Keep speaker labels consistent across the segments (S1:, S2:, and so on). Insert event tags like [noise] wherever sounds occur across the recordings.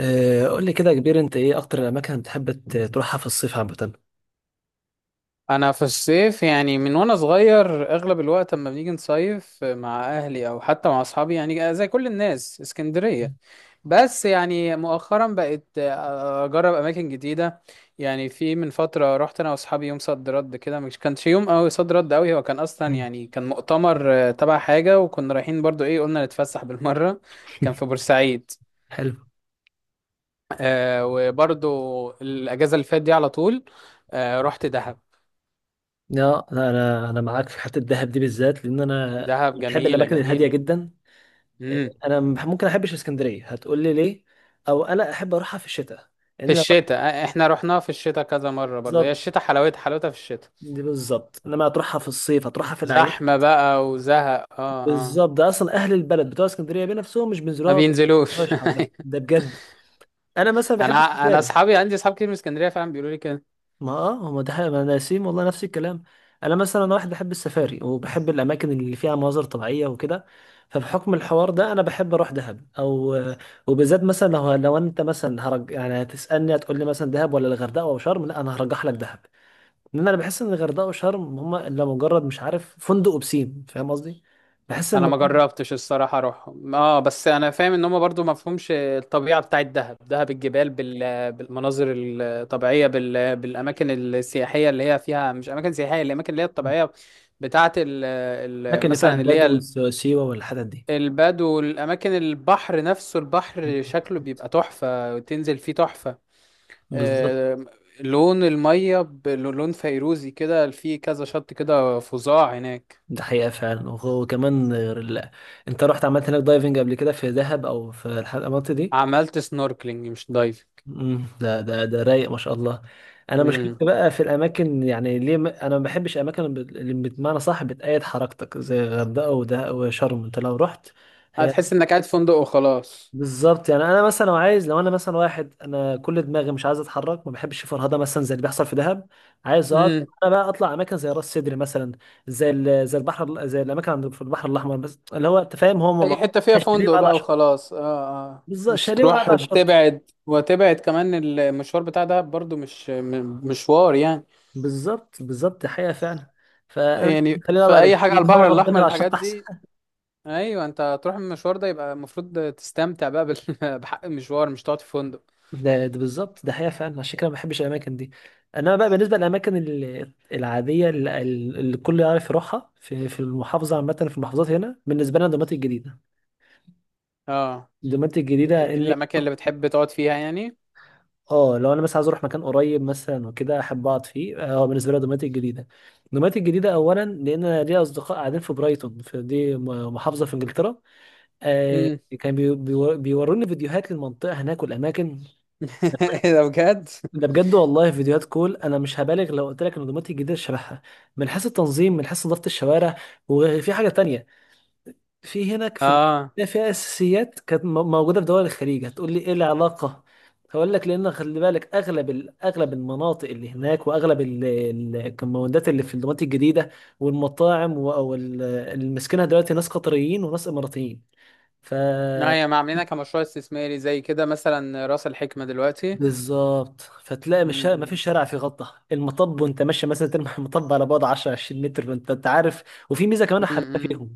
S1: قول لي كده يا كبير، انت ايه اكتر الاماكن بتحب تروحها في الصيف عامه؟
S2: انا في الصيف يعني من وانا صغير اغلب الوقت، اما بنيجي نصيف مع اهلي او حتى مع اصحابي يعني زي كل الناس، اسكندرية. بس يعني مؤخرا بقيت اجرب اماكن جديدة. يعني في من فترة رحت انا واصحابي يوم صد رد كده، مش كانش يوم قوي صد رد قوي. هو كان اصلا
S1: مم.
S2: يعني كان مؤتمر تبع حاجة، وكنا رايحين برضو ايه قلنا نتفسح بالمرة. كان في بورسعيد.
S1: حلو.
S2: آه، وبرضو الاجازة اللي فاتت دي على طول، آه رحت دهب.
S1: لا، انا معاك في حته الدهب دي بالذات، لان انا
S2: دهب
S1: بحب
S2: جميلة
S1: الاماكن الهاديه
S2: جميلة.
S1: جدا. آه،
S2: امم.
S1: انا ممكن احبش اسكندريه، هتقول لي ليه؟ او انا احب اروحها في الشتاء، لان
S2: في
S1: لو رحت.
S2: الشتاء احنا رحناها في الشتاء كذا مرة برضه، هي
S1: بالظبط،
S2: الشتاء حلاوتها حلاوتها في الشتاء.
S1: دي بالظبط، انما هتروحها في الصيف هتروحها في الاعياد.
S2: زحمة بقى وزهق، اه، اه.
S1: بالظبط، ده اصلا اهل البلد بتوع اسكندريه بنفسهم مش
S2: ما
S1: بينزلوها.
S2: بينزلوش
S1: مش حبة.
S2: [laughs]
S1: ده بجد. انا مثلا
S2: انا
S1: بحب
S2: انا
S1: اسكندريه.
S2: اصحابي، عندي اصحاب كتير من اسكندرية فعلا بيقولوا لي كده.
S1: ما اه، هو ده حقيقة، انا نسيم والله نفس الكلام. انا مثلا واحد بحب السفاري وبحب الاماكن اللي فيها مناظر طبيعيه وكده. فبحكم الحوار ده انا بحب اروح دهب، او وبالذات مثلا لو انت مثلا هرج، يعني هتسالني هتقول لي مثلا دهب ولا الغردقه او شرم، لا انا هرجح لك دهب. لان انا بحس ان الغردقه وشرم هما الا مجرد مش عارف فندق وبسين، فاهم قصدي؟ بحس ان
S2: انا ما جربتش الصراحة اروحهم، اه، بس انا فاهم ان هم برضه ما فهمش الطبيعة بتاعت دهب. دهب الجبال بالمناظر الطبيعية، بالاماكن السياحية اللي هي فيها، مش اماكن سياحية، الاماكن اللي هي الطبيعية بتاعت ال...
S1: الاماكن اللي فيها
S2: مثلا اللي
S1: البدو
S2: هي
S1: والسيوه والحتت دي.
S2: البدو، الأماكن، البحر نفسه، البحر شكله بيبقى تحفة، تنزل فيه تحفة.
S1: بالظبط،
S2: آه. لون المية بلون فيروزي كده، في كذا شط كده فظاع هناك.
S1: ده حقيقة فعلا. وكمان غير انت رحت عملت هناك دايفنج قبل كده في دهب، او في المناطق دي؟
S2: عملت سنوركلينج مش دايفنج.
S1: امم، ده رايق ما شاء الله. انا
S2: امم.
S1: مشكلتي بقى في الاماكن، يعني ليه ما... انا ما بحبش الاماكن اللي اللي بمعنى صح بتأيد حركتك، زي الغردقة وده وشرم، انت لو رحت. هي
S2: هتحس انك قاعد في فندق وخلاص.
S1: بالظبط، يعني انا مثلا لو عايز، لو انا مثلا واحد انا كل دماغي مش عايز اتحرك، ما بحبش فرهده مثلا زي اللي بيحصل في دهب. عايز اقعد.
S2: امم.
S1: انا بقى اطلع اماكن زي راس سدر مثلا، زي زي الاماكن عند في البحر الاحمر، بس اللي هو انت فاهم هم ما.
S2: اي حتة فيها
S1: شاليه
S2: فندق
S1: وقاعد على
S2: بقى
S1: الشط.
S2: وخلاص، اه. اه،
S1: بالظبط،
S2: مش
S1: شاليه وقاعد
S2: تروح
S1: على الشط.
S2: تبعد وتبعد كمان. المشوار بتاع ده برضو مش مشوار يعني.
S1: بالظبط، دي حقيقه فعلا. فانا
S2: يعني
S1: خليني اقعد
S2: في
S1: على
S2: اي حاجة على
S1: البسين، هو
S2: البحر الأحمر،
S1: ربنا على
S2: الحاجات
S1: الشط.
S2: دي. ايوه، انت تروح المشوار ده يبقى المفروض تستمتع بقى [laughs] بحق المشوار، مش تقعد في فندق.
S1: ده, بالظبط، ده حقيقة فعلا، عشان كده ما بحبش الأماكن دي. أنا بقى بالنسبة للأماكن العادية اللي, الكل يعرف يروحها في المحافظة عامة، في المحافظات هنا بالنسبة لنا دوماتي الجديدة.
S2: اه.
S1: دوماتي الجديدة
S2: دي
S1: إن.
S2: الاماكن اللي بتحب تقعد فيها يعني.
S1: اه، لو أنا مثلا عايز أروح مكان قريب مثلا وكده أحب أقعد فيه، اه بالنسبة لي دوماتي الجديدة. دوماتي الجديدة أولا لأن أنا ليا أصدقاء قاعدين في برايتون، في دي محافظة في إنجلترا. آه،
S2: امم.
S1: كان بيوروني فيديوهات للمنطقة هناك والأماكن.
S2: [laughs] ايه ده بجد.
S1: ده بجد والله، فيديوهات كول. انا مش هبالغ لو قلت لك النظامات الجديده شبهها، من حيث التنظيم من حيث نظافه الشوارع. وفي حاجه تانية، في هناك في
S2: اه،
S1: فيها اساسيات كانت موجوده في دول الخليج، هتقول لي ايه العلاقه؟ هقول لك، لان خلي بالك اغلب اغلب المناطق اللي هناك، واغلب الكومباوندات اللي في الدمارات الجديده والمطاعم او اللي ماسكينها دلوقتي ناس قطريين وناس اماراتيين. ف
S2: لا هي ما عاملينها كمشروع استثماري زي كده، مثلا راس الحكمة دلوقتي.
S1: بالظبط، فتلاقي مش ما
S2: امم.
S1: فيش شارع فيه غطا المطب، وانت ماشي مثلا ترمي [laughs] المطب على بعد 10 20 متر وانت انت عارف. وفي ميزه كمان حاببها
S2: امم.
S1: فيهم،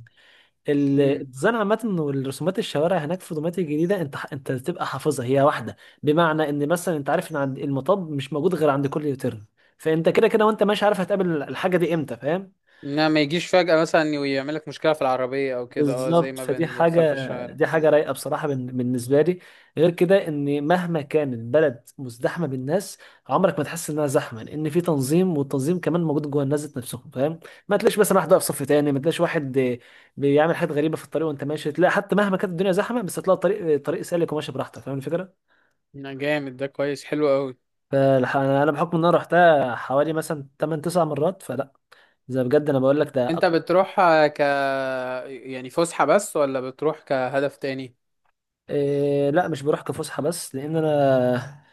S2: امم.
S1: الديزاين عامه والرسومات الشوارع هناك في دوماتي الجديده، انت تبقى حافظها هي واحده. بمعنى ان مثلا انت عارف ان عند المطب مش موجود غير عند كل يوتيرن. فانت كده كده وانت ماشي عارف هتقابل الحاجه دي امتى، فاهم؟
S2: انها ما يجيش فجأة مثلا ويعمل لك مشكلة في العربية او كده، اه، زي
S1: بالظبط،
S2: ما
S1: فدي
S2: بيحصل في
S1: حاجة.
S2: الشارع.
S1: دي حاجة
S2: مم.
S1: رايقة بصراحة بالنسبة لي. غير كده، ان مهما كان البلد مزدحمة بالناس عمرك ما تحس انها زحمة، لان في تنظيم، والتنظيم كمان موجود جوه الناس ذات نفسهم، فاهم؟ ما تلاقيش مثلا واحد واقف صف تاني، ما تلاقيش واحد بيعمل حاجات غريبة في الطريق، وانت ماشي تلاقي حتى مهما كانت الدنيا زحمة بس هتلاقي الطريق طريق سالك، وماشي براحتك فاهم الفكرة.
S2: لا، جامد ده، كويس، حلو قوي.
S1: فانا بحكم ان انا رحتها حوالي مثلا 8 9 مرات فلا، زي بجد انا بقول لك
S2: انت
S1: ده.
S2: بتروح آه، ك يعني فسحة بس ولا بتروح كهدف تاني؟
S1: إيه، لا مش بروح كفسحة بس، لأن أنا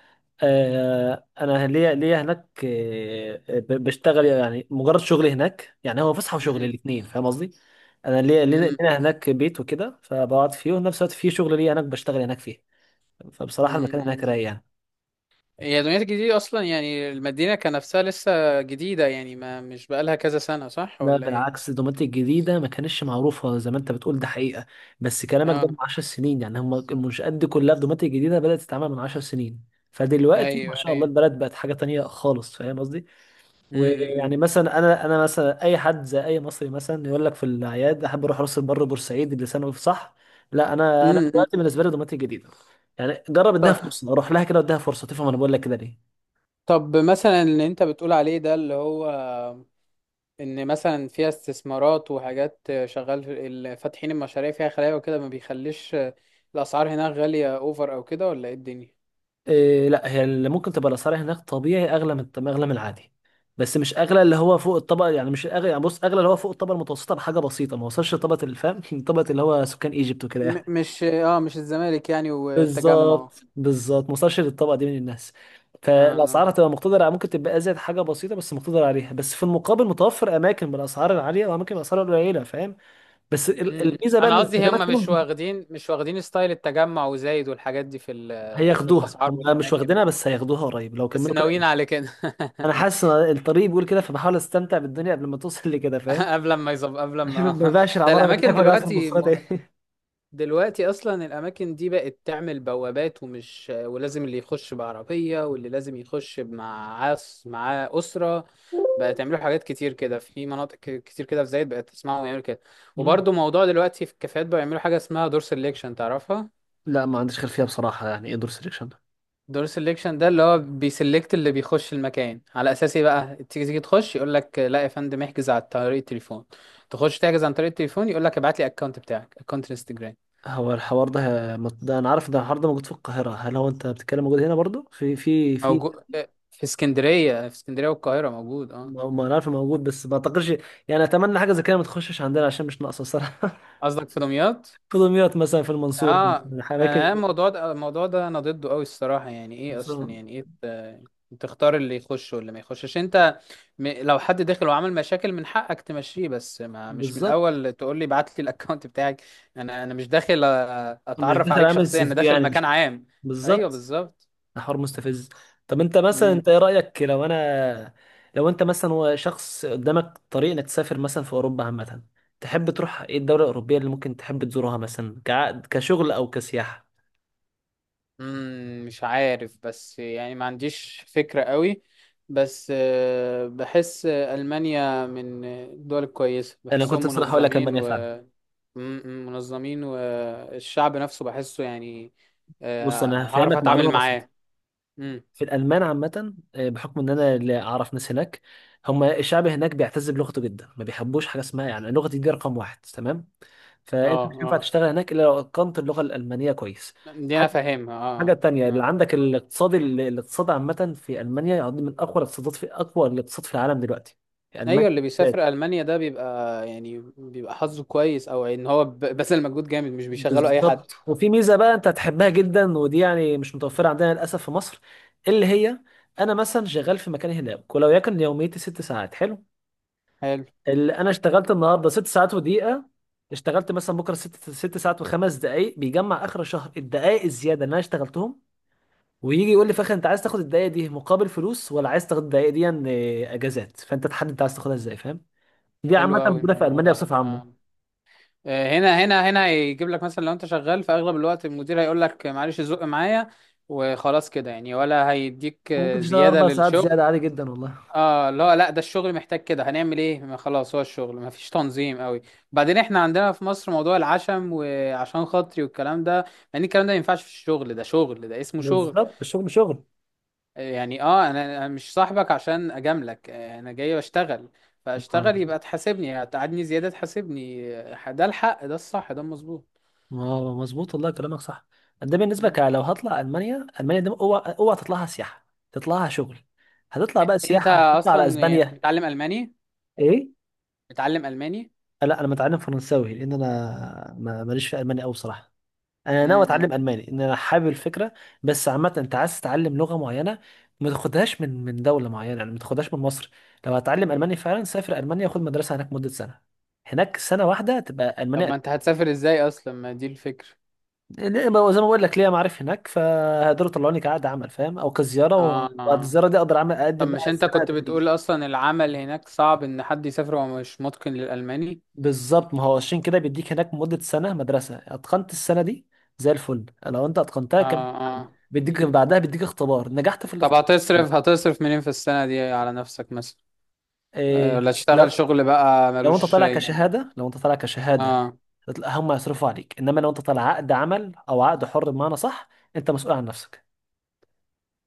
S1: آه، أنا ليا هناك إيه، بشتغل، يعني مجرد شغلي هناك يعني هو فسحة وشغل
S2: مم.
S1: الاتنين، فاهم قصدي؟ أنا ليا لينا
S2: مم.
S1: هناك بيت وكده فبقعد فيه، وفي نفس الوقت في شغل ليا هناك بشتغل هناك فيه. فبصراحة المكان هناك
S2: مم.
S1: رايق يعني.
S2: هي دمياط الجديدة أصلا، يعني المدينة كنفسها لسه جديدة، يعني ما مش بقالها كذا سنة، صح
S1: لا
S2: ولا إيه؟
S1: بالعكس، دوماتيك الجديدة ما كانتش معروفة زي ما أنت بتقول، ده حقيقة، بس كلامك ده من
S2: آه.
S1: 10 سنين يعني، هم المنشآت دي كلها في دوماتيك الجديدة بدأت تتعمل من 10 سنين. فدلوقتي ما
S2: أيوه،
S1: شاء الله
S2: أيوه.
S1: البلد بقت حاجة تانية خالص، فاهم قصدي؟
S2: مم. مم.
S1: ويعني مثلا انا مثلا اي حد زي اي مصري مثلا يقول لك في الاعياد احب اروح راس البر بورسعيد اللي سنه، صح؟ لا، انا
S2: مم. مم.
S1: دلوقتي بالنسبه لي دمياط الجديده. يعني جرب اديها
S2: ط-
S1: فرصه اروح لها كده واديها فرصه تفهم انا بقول لك كده ليه.
S2: طب مثلا اللي أنت بتقول عليه ده، اللي هو إن مثلا فيها استثمارات وحاجات شغال، فاتحين المشاريع فيها خلايا وكده ما بيخليش الأسعار هناك غالية أوفر أو كده، ولا إيه الدنيا؟
S1: إيه، لا هي اللي ممكن تبقى الاسعار هناك طبيعي اغلى، اغلى من العادي. بس مش اغلى اللي هو فوق الطبقه، يعني مش اغلى، يعني بص اغلى اللي هو فوق الطبقه المتوسطه بحاجه بسيطه، ما وصلش لطبقه الفهم [laughs] طبقه اللي هو سكان ايجيبت وكده يعني.
S2: مش الزمالك يعني والتجمع.
S1: بالظبط، ما وصلش للطبقه دي من الناس.
S2: آه، آه.
S1: فالاسعار هتبقى مقتدره، ممكن تبقى ازيد حاجه بسيطه بس مقتدر عليها، بس في المقابل متوفر اماكن بالاسعار العاليه واماكن بالاسعار القليله، فاهم؟ بس
S2: م- م.
S1: الميزه بقى ان
S2: انا قصدي هم
S1: الخدمات هنا
S2: مش واخدين ستايل التجمع وزايد والحاجات دي في في
S1: هياخدوها،
S2: الاسعار
S1: هم مش
S2: والاماكن
S1: واخدينها
S2: وكده.
S1: بس هياخدوها قريب لو
S2: بس
S1: كملوا كده.
S2: ناويين على كده.
S1: انا حاسس ان الطريق بيقول كده، فبحاول استمتع بالدنيا قبل ما توصل [laughs] لكده
S2: [laughs]
S1: فاهم.
S2: قبل
S1: عشان
S2: ما
S1: ما بقاش
S2: [laughs] ده
S1: العماره اللي هناك
S2: الاماكن
S1: بقى في
S2: دلوقتي
S1: المواصلات ايه.
S2: دلوقتي اصلا الاماكن دي بقت تعمل بوابات، ولازم اللي يخش بعربيه واللي لازم يخش معاه اسره.
S1: [laughs]
S2: بقت يعملوا حاجات كتير كده في مناطق كتير كده، في زايد بقت تسمعهم يعملوا كده.
S1: مم.
S2: وبرضه موضوع دلوقتي في الكافيهات بقى يعملوا حاجه اسمها دور سelection، تعرفها؟
S1: لا ما عنديش خلفيه بصراحه، يعني ايه دور سيلكشن؟
S2: دور سيلكشن ده اللي هو بيسلكت اللي بيخش المكان على اساس ايه بقى، تيجي تخش يقول لك لا يا فندم، احجز عن طريق التليفون. تخش تحجز عن طريق التليفون يقول لك ابعت لي اكونت بتاعك، اكونت انستجرام.
S1: هو الحوار ده ده انا عارف، ده الحوار ده موجود في القاهرة، هل هو انت بتتكلم موجود هنا برضو في.
S2: موجود في اسكندريه والقاهره، موجود، اه.
S1: ما انا عارف موجود، بس ما اعتقدش. يعني اتمنى حاجة زي كده ما تخشش عندنا، عشان مش ناقصة صراحة.
S2: قصدك في دمياط؟
S1: [laughs] في دمياط مثلا، في المنصورة
S2: اه.
S1: مثلا
S2: انا
S1: اماكن.
S2: الموضوع ده، انا ضده قوي الصراحه. يعني ايه اصلا؟
S1: المنصورة.
S2: يعني ايه تختار اللي يخش واللي ما يخشش انت؟ لو حد داخل وعمل مشاكل من حقك تمشيه، بس ما مش من
S1: بالظبط،
S2: الاول تقول لي ابعت لي الاكونت [laughs] بتاعك. انا مش داخل
S1: مش
S2: اتعرف
S1: داخل
S2: عليك
S1: عامل
S2: شخصيا،
S1: سي
S2: انا
S1: في
S2: داخل
S1: يعني،
S2: مكان
S1: مش
S2: عام. ايوه،
S1: بالظبط.
S2: بالظبط.
S1: ده حوار مستفز. طب انت مثلا، انت ايه رأيك لو انا، لو انت مثلا هو شخص قدامك طريق انك تسافر مثلا في اوروبا عامة، تحب تروح ايه الدولة الأوروبية اللي ممكن تحب تزورها مثلا كعقد كشغل او كسياحة؟
S2: مم، مش عارف بس يعني ما عنديش فكرة قوي. بس بحس ألمانيا من الدول الكويسة،
S1: انا
S2: بحسهم
S1: كنت صراحه هقول لك
S2: منظمين
S1: المانيا
S2: و
S1: فعلا.
S2: منظمين، والشعب نفسه بحسه يعني
S1: بص انا
S2: هعرف
S1: هفهمك
S2: أتعامل
S1: معلومه بسيطه.
S2: معاه. مم.
S1: في الالمان عامه، بحكم ان انا اللي اعرف ناس هناك، هم الشعب هناك بيعتز بلغته جدا، ما بيحبوش حاجه اسمها يعني لغتي دي رقم واحد تمام.
S2: اه،
S1: فانت مش هينفع
S2: اه،
S1: تشتغل هناك الا لو اتقنت اللغه الالمانيه كويس.
S2: دي أنا
S1: حاجه
S2: فاهمها،
S1: حاجه
S2: اه.
S1: تانية اللي
S2: اه،
S1: عندك الاقتصاد، الاقتصاد عامه في المانيا يعني من اقوى الاقتصادات، في اقوى الاقتصاد في العالم دلوقتي في
S2: أيوة
S1: المانيا.
S2: اللي بيسافر ألمانيا ده بيبقى، يعني بيبقى حظه كويس أو إن هو بذل مجهود جامد، مش بيشغله أي حد.
S1: بالظبط، وفي ميزه بقى انت هتحبها جدا، ودي يعني مش متوفره عندنا للاسف في مصر، اللي هي انا مثلا شغال في مكان هناك ولو يكن يوميتي ست ساعات حلو،
S2: حلو.
S1: اللي انا اشتغلت النهارده ست ساعات ودقيقه، اشتغلت مثلا بكره ست ساعات وخمس دقائق، بيجمع اخر الشهر الدقائق الزياده اللي انا اشتغلتهم، ويجي يقول لي في الاخر انت عايز تاخد الدقائق دي مقابل فلوس، ولا عايز تاخد الدقائق دي اجازات، فانت تحدد انت عايز تاخدها ازاي، فاهم؟ دي
S2: حلو
S1: عامه
S2: أوي
S1: موجوده في
S2: الموضوع
S1: المانيا
S2: ده،
S1: بصفه عامه.
S2: اه. هنا هيجيب لك مثلا لو انت شغال في اغلب الوقت المدير هيقول لك معلش زق معايا وخلاص كده يعني، ولا هيديك
S1: ممكن تشتغل
S2: زيادة
S1: اربع ساعات
S2: للشغل؟
S1: زياده عادي جدا والله.
S2: اه، لا، لا، ده الشغل محتاج كده هنعمل ايه، ما خلاص، هو الشغل ما فيش تنظيم قوي. بعدين احنا عندنا في مصر موضوع العشم وعشان خاطري والكلام ده، يعني الكلام ده ما ينفعش في الشغل، ده شغل، ده اسمه شغل.
S1: بالظبط، الشغل شغل.
S2: آه، يعني اه، أنا مش صاحبك عشان اجاملك، آه، انا جاي بشتغل،
S1: اه،
S2: فاشتغل، يبقى تحاسبني، هتقعدني زيادة تحاسبني، آه، ده الحق ده الصح ده المظبوط.
S1: مظبوط والله كلامك صح. ده بالنسبه لو هطلع المانيا، المانيا دي اوعى تطلعها سياحه، تطلعها شغل. هتطلع بقى
S2: انت
S1: سياحه تطلع على
S2: اصلا يعني
S1: اسبانيا.
S2: بتتعلم الماني؟
S1: ايه؟
S2: بتتعلم الماني؟
S1: لا انا متعلم فرنساوي لان انا ماليش في المانيا قوي بصراحه. انا ناوي
S2: امم.
S1: اتعلم الماني ان انا حابب الفكره. بس عامه انت عايز تتعلم لغه معينه، ما تاخدهاش من دوله معينه، يعني ما تاخدهاش من مصر. لو هتعلم الماني فعلا سافر المانيا، خد مدرسه هناك مده سنه، هناك سنه واحده تبقى
S2: طب
S1: المانيا.
S2: ما انت هتسافر ازاي اصلا، ما دي الفكرة.
S1: ما هو زي ما بقول لك ليا معارف هناك، فهيقدروا يطلعوني كعقد عمل فاهم، او كزياره، وبعد
S2: اه،
S1: اه
S2: آه.
S1: الزياره دي اقدر اعمل
S2: طب
S1: اقدم
S2: مش
S1: بقى
S2: انت
S1: السنه
S2: كنت
S1: تدريب.
S2: بتقول اصلا العمل هناك صعب ان حد يسافر وهو مش متقن للالماني؟
S1: بالظبط، ما هو عشان كده بيديك هناك مده سنه مدرسه، اتقنت السنه دي زي الفل، لو انت اتقنتها
S2: اه،
S1: كان
S2: اه.
S1: بيديك بعدها بيديك اختبار، نجحت في
S2: طب
S1: الاختبار.
S2: هتصرف منين في السنة دي على نفسك مثلا؟ آه،
S1: إيه،
S2: ولا تشتغل
S1: لو
S2: شغل بقى
S1: انت
S2: ملوش
S1: طالع
S2: يعني؟
S1: كشهاده، لو انت طالع كشهاده
S2: اه.
S1: هم يصرفوا عليك، انما لو انت طالع عقد عمل او عقد حر بمعنى صح انت مسؤول عن نفسك.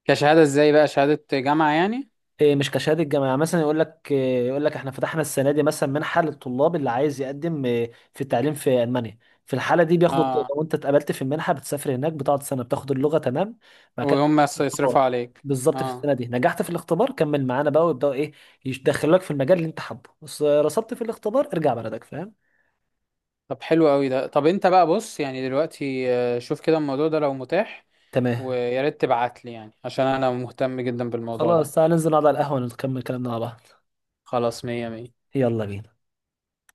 S2: كشهادة ازاي بقى؟ شهادة جامعة يعني؟
S1: إيه، مش كشهاده جامعه، مثلا يقول لك إيه، يقول لك احنا فتحنا السنه دي مثلا منحه للطلاب اللي عايز يقدم في التعليم في المانيا. في الحاله دي بياخدوا
S2: اه.
S1: لو انت اتقبلت في المنحه بتسافر هناك، بتقعد سنه بتاخد اللغه تمام. بعد كده
S2: وهم
S1: بتاخد
S2: يصرفوا
S1: الاختبار.
S2: عليك؟
S1: بالظبط، في
S2: اه.
S1: السنه دي نجحت في الاختبار كمل معانا بقى ويبداوا ايه، يدخلوك في المجال اللي انت حابه، بس رسبت في الاختبار ارجع بلدك، فاهم؟
S2: طب حلو قوي ده. طب انت بقى، بص يعني دلوقتي، آه، شوف كده الموضوع ده لو متاح،
S1: تمام.
S2: ويا ريت تبعت لي يعني عشان انا مهتم جدا بالموضوع
S1: خلاص
S2: ده.
S1: تعالى ننزل نقعد على القهوه نكمل كلامنا مع بعض.
S2: خلاص، مية مية.
S1: يلا بينا.